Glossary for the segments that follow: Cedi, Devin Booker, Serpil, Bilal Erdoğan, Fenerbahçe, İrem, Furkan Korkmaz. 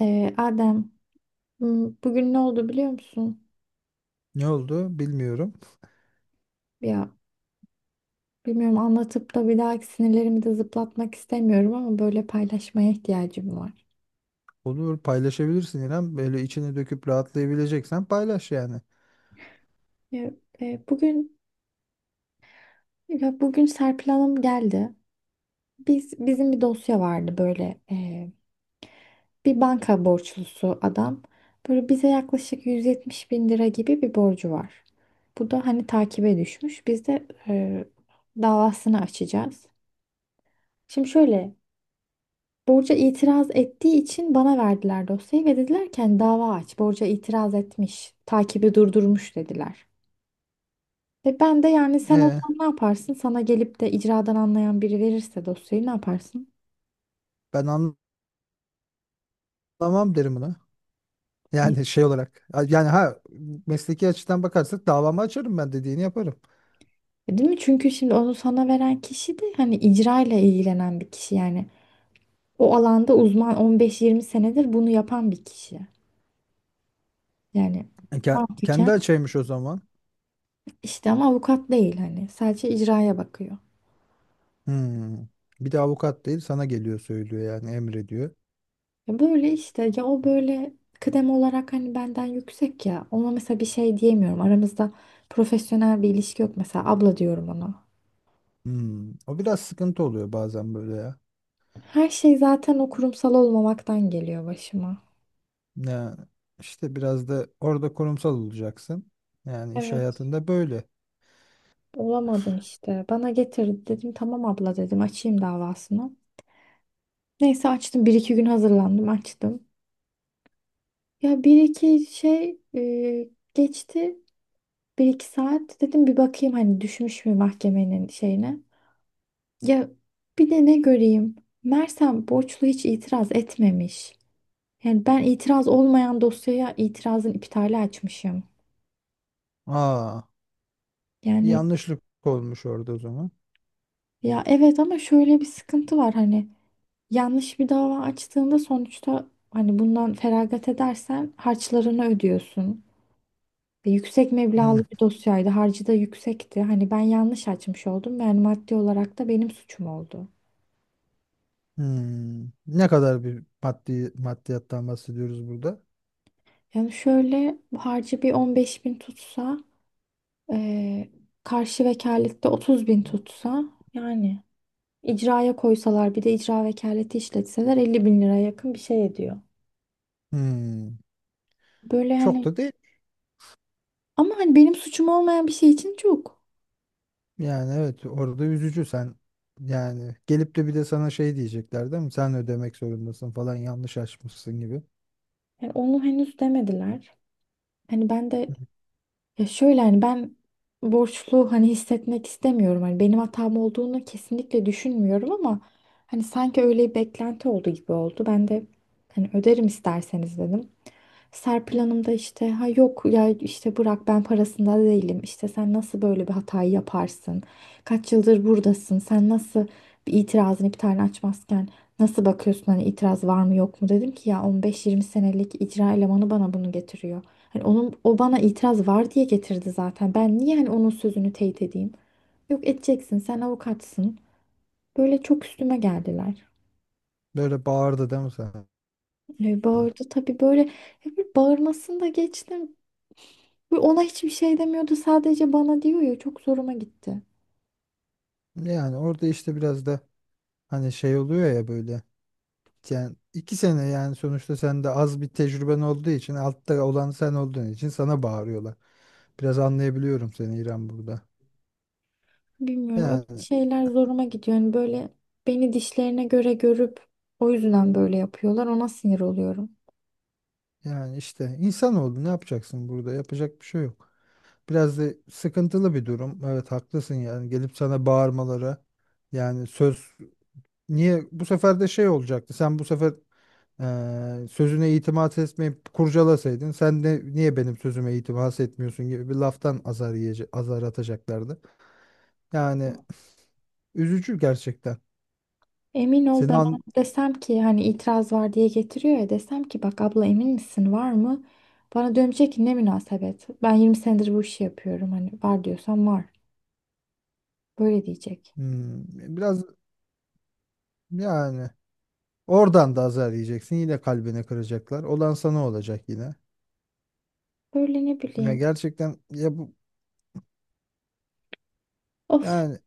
Adem, bugün ne oldu biliyor musun? Ne oldu bilmiyorum. Ya, bilmiyorum, anlatıp da bir dahaki sinirlerimi de zıplatmak istemiyorum ama böyle paylaşmaya ihtiyacım var. Olur paylaşabilirsin İrem. Böyle içine döküp rahatlayabileceksen paylaş yani. Ya, e, bugün bugün Serpil Hanım geldi. Bizim bir dosya vardı böyle, bir banka borçlusu adam. Böyle bize yaklaşık 170 bin lira gibi bir borcu var. Bu da hani takibe düşmüş. Biz de davasını açacağız. Şimdi şöyle. Borca itiraz ettiği için bana verdiler dosyayı ve dediler ki hani dava aç. Borca itiraz etmiş. Takibi durdurmuş dediler. Ve ben de, yani sen E olsan ne yaparsın? Sana gelip de icradan anlayan biri verirse dosyayı ne yaparsın? Ben anlamam derim buna. Ya. Yani şey olarak. Yani ha mesleki açıdan bakarsak davamı açarım ben dediğini yaparım. Değil mi? Çünkü şimdi onu sana veren kişi de hani icra ile ilgilenen bir kişi yani. O alanda uzman, 15-20 senedir bunu yapan bir kişi. Yani Kendi mantıken açaymış o zaman. işte, ama avukat değil hani, sadece icraya bakıyor. Hmm. Bir de avukat değil sana geliyor söylüyor yani emrediyor. Ya böyle işte, ya o böyle kıdem olarak hani benden yüksek, ya ona mesela bir şey diyemiyorum. Aramızda profesyonel bir ilişki yok, mesela abla diyorum ona. Hmm. O biraz sıkıntı oluyor bazen böyle ya. Her şey zaten o kurumsal olmamaktan geliyor başıma. Ya işte biraz da orada kurumsal olacaksın. Yani iş Evet. hayatında böyle. Olamadım işte. Bana getirdi, dedim tamam abla, dedim açayım davasını. Neyse açtım, bir iki gün hazırlandım, açtım. Ya bir iki şey geçti, bir iki saat dedim bir bakayım hani düşmüş mü mahkemenin şeyine. Ya, bir de ne göreyim? Mersem borçlu hiç itiraz etmemiş. Yani ben itiraz olmayan dosyaya itirazın iptali açmışım. Aa. Bir Yani, yanlışlık olmuş orada o zaman. ya evet, ama şöyle bir sıkıntı var hani, yanlış bir dava açtığında sonuçta hani bundan feragat edersen harçlarını ödüyorsun. Ve yüksek meblağlı Hı, bir dosyaydı. Harcı da yüksekti. Hani ben yanlış açmış oldum. Yani maddi olarak da benim suçum oldu. hmm. Ne kadar bir maddiyattan bahsediyoruz burada? Yani şöyle, bu harcı bir 15.000 tutsa, Ee, karşı vekalette 30 bin tutsa, yani icraya koysalar bir de icra vekaleti işletseler 50 bin liraya yakın bir şey ediyor. Hmm. Böyle Çok hani, da değil. ama hani benim suçum olmayan bir şey için çok. Yani evet orada üzücü sen yani gelip de bir de sana şey diyecekler değil mi? Sen ödemek zorundasın falan yanlış açmışsın gibi. Yani onu henüz demediler. Hani ben de, Hı. ya şöyle hani ben borçlu hani hissetmek istemiyorum. Hani benim hatam olduğunu kesinlikle düşünmüyorum, ama hani sanki öyle bir beklenti oldu gibi oldu. Ben de hani öderim isterseniz dedim. Serpil Hanım da işte, ha yok ya işte bırak, ben parasında değilim işte, sen nasıl böyle bir hatayı yaparsın, kaç yıldır buradasın, sen nasıl bir itirazını bir tane açmazken, nasıl bakıyorsun hani itiraz var mı yok mu, dedim ki ya 15-20 senelik icra elemanı bana bunu getiriyor hani, onun o bana itiraz var diye getirdi zaten, ben niye hani onun sözünü teyit edeyim, yok edeceksin sen avukatsın, böyle çok üstüme geldiler. Böyle bağırdı değil mi sana? E, bağırdı tabii, böyle, ya bir bağırmasını da geçtim. Ve ona hiçbir şey demiyordu. Sadece bana diyor, ya çok zoruma gitti. Yani orada işte biraz da hani şey oluyor ya böyle. Yani 2 sene yani sonuçta sen de az bir tecrüben olduğu için altta olan sen olduğun için sana bağırıyorlar. Biraz anlayabiliyorum seni İrem burada. Bilmiyorum, öyle Yani şeyler zoruma gidiyor. Yani böyle beni dişlerine göre görüp o yüzden böyle yapıyorlar. Ona sinir oluyorum. yani işte insan oldu ne yapacaksın burada? Yapacak bir şey yok. Biraz da sıkıntılı bir durum. Evet haklısın yani gelip sana bağırmaları yani söz niye bu sefer de şey olacaktı. Sen bu sefer sözüne itimat etmeyip kurcalasaydın sen de niye benim sözüme itimat etmiyorsun gibi bir laftan azar atacaklardı. Yani üzücü gerçekten. Emin ol, Seni ben an desem ki hani itiraz var diye getiriyor ya, desem ki bak abla emin misin var mı? Bana dönecek ki ne münasebet. Ben 20 senedir bu işi yapıyorum. Hani var diyorsan var. Böyle diyecek. Hmm, biraz yani oradan da azar yiyeceksin. Yine kalbini kıracaklar. Olan sana olacak yine. Böyle ne Ya bileyim. gerçekten ya bu Of. yani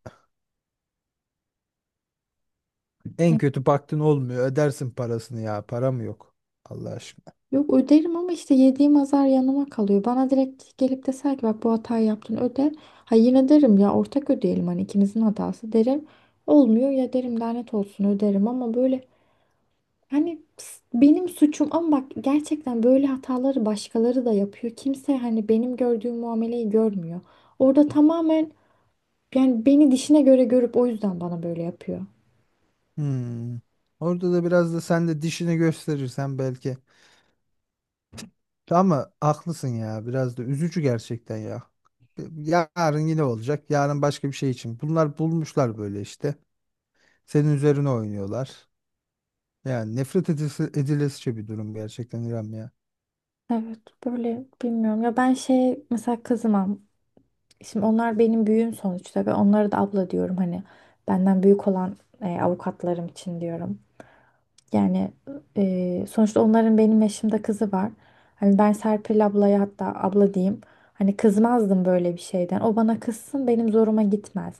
en kötü baktın olmuyor. Ödersin parasını ya. Para mı yok. Allah aşkına. Yok, öderim ama işte yediğim azar yanıma kalıyor. Bana direkt gelip deser ki bak bu hatayı yaptın öde. Ha yine derim, ya ortak ödeyelim hani, ikimizin hatası derim. Olmuyor ya derim, lanet olsun öderim, ama böyle hani benim suçum, ama bak gerçekten böyle hataları başkaları da yapıyor. Kimse hani benim gördüğüm muameleyi görmüyor. Orada tamamen, yani beni dişine göre görüp o yüzden bana böyle yapıyor. Hmm. Orada da biraz da sen de dişini gösterirsen belki. Ama haklısın ya. Biraz da üzücü gerçekten ya. Yarın yine olacak. Yarın başka bir şey için. Bunlar bulmuşlar böyle işte. Senin üzerine oynuyorlar. Yani nefret edilesice bir durum gerçekten İrem ya. Evet, böyle bilmiyorum ya, ben şey mesela kızım. Şimdi onlar benim büyüğüm sonuçta ve onlara da abla diyorum, hani benden büyük olan avukatlarım için diyorum. Yani, sonuçta onların benim yaşımda kızı var. Hani ben Serpil ablaya hatta abla diyeyim. Hani kızmazdım böyle bir şeyden. O bana kızsın, benim zoruma gitmez.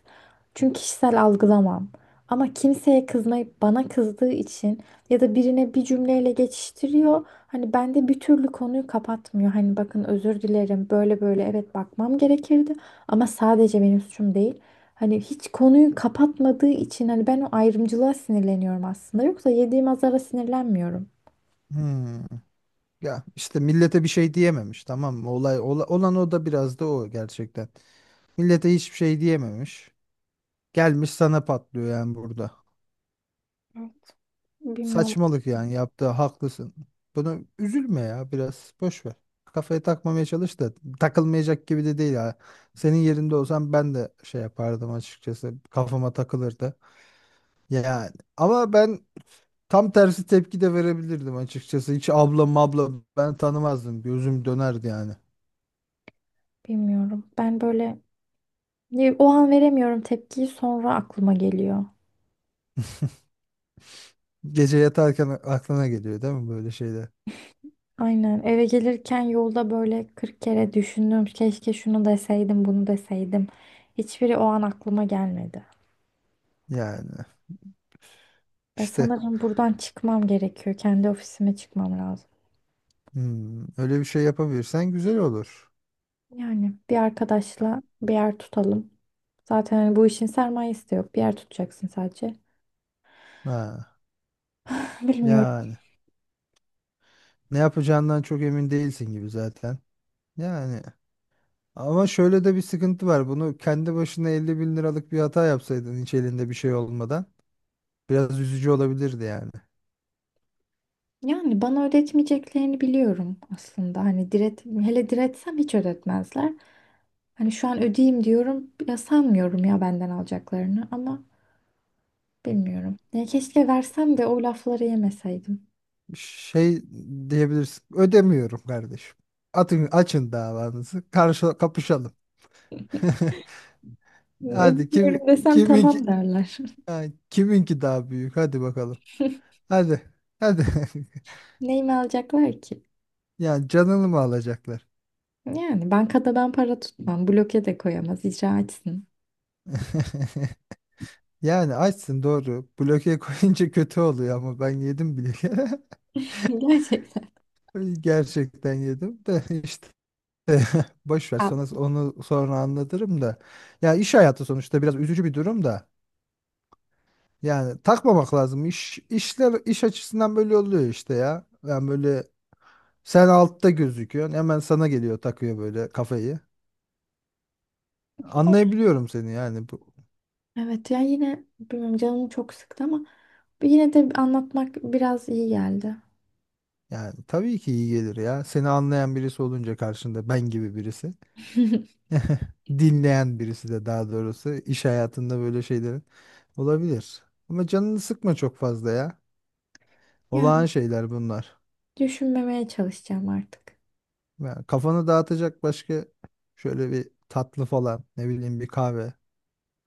Çünkü kişisel algılamam. Ama kimseye kızmayıp bana kızdığı için, ya da birine bir cümleyle geçiştiriyor. Hani bende bir türlü konuyu kapatmıyor. Hani bakın özür dilerim böyle böyle, evet bakmam gerekirdi. Ama sadece benim suçum değil. Hani hiç konuyu kapatmadığı için hani ben o ayrımcılığa sinirleniyorum aslında. Yoksa yediğim azara sinirlenmiyorum. Hmm. Ya işte millete bir şey diyememiş tamam mı? Olan o da biraz da o gerçekten. Millete hiçbir şey diyememiş. Gelmiş sana patlıyor yani burada. Bilmiyorum, Saçmalık yani yaptığı haklısın. Bunu üzülme ya biraz boş ver. Kafaya takmamaya çalış da takılmayacak gibi de değil ha. Senin yerinde olsam ben de şey yapardım açıkçası. Kafama takılırdı. Yani ama ben tam tersi tepki de verebilirdim açıkçası. Hiç abla mabla ben tanımazdım. Gözüm dönerdi yani. bilmiyorum. Ben böyle o an veremiyorum tepkiyi, sonra aklıma geliyor. Gece yatarken aklına geliyor değil mi böyle şeyler? Aynen, eve gelirken yolda böyle 40 kere düşündüm. Keşke şunu deseydim, bunu deseydim. Hiçbiri o an aklıma gelmedi. Yani Ben işte sanırım buradan çıkmam gerekiyor. Kendi ofisime çıkmam lazım. hmm, öyle bir şey yapabilirsen güzel olur. Yani bir arkadaşla bir yer tutalım. Zaten hani bu işin sermayesi de yok, bir yer tutacaksın sadece. Ha, Bilmiyorum. yani ne yapacağından çok emin değilsin gibi zaten. Yani ama şöyle de bir sıkıntı var. Bunu kendi başına 50 bin liralık bir hata yapsaydın hiç elinde bir şey olmadan biraz üzücü olabilirdi yani. Yani bana ödetmeyeceklerini biliyorum aslında. Hani diret, hele diretsem hiç ödetmezler. Hani şu an ödeyeyim diyorum. Ya sanmıyorum ya benden alacaklarını, ama bilmiyorum. Ya keşke versem de o lafları yemeseydim. Şey diyebilirsin. Ödemiyorum kardeşim. Atın, açın davanızı. Karşı kapışalım. Hadi Ödemiyorum kim desem kimin, tamam derler. ha, kiminki daha büyük? Hadi bakalım. Hadi. Hadi. Neyimi alacaklar ki? Yani canını mı alacaklar? Yani bankada ben para tutmam. Bloke de koyamaz. İcra etsin. Yani açsın doğru. Bloke koyunca kötü oluyor ama ben yedim bile. Gerçekten. Gerçekten yedim de işte. Boş ver Ya, sonra onu, sonra anlatırım da. Ya iş hayatı sonuçta biraz üzücü bir durum da. Yani takmamak lazım. İşler iş açısından böyle oluyor işte ya. Yani böyle sen altta gözüküyorsun hemen sana geliyor takıyor böyle kafayı. Anlayabiliyorum seni yani bu. evet ya, yine bilmiyorum, canımı çok sıktı ama yine de anlatmak biraz iyi geldi. Yani tabii ki iyi gelir ya. Seni anlayan birisi olunca karşında ben gibi birisi. Dinleyen birisi de daha doğrusu iş hayatında böyle şeylerin olabilir. Ama canını sıkma çok fazla ya. Yani Olağan şeyler bunlar. düşünmemeye çalışacağım artık. Yani kafanı dağıtacak başka şöyle bir tatlı falan ne bileyim bir kahve.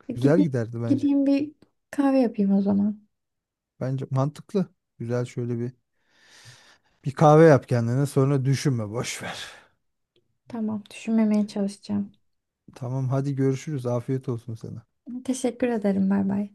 E, Güzel Gideyim, giderdi bence. gideyim, bir kahve yapayım o zaman. Bence mantıklı. Güzel şöyle bir kahve yap kendine sonra düşünme boş ver. Tamam, düşünmemeye çalışacağım. Tamam hadi görüşürüz. Afiyet olsun sana. Teşekkür ederim. Bay bay.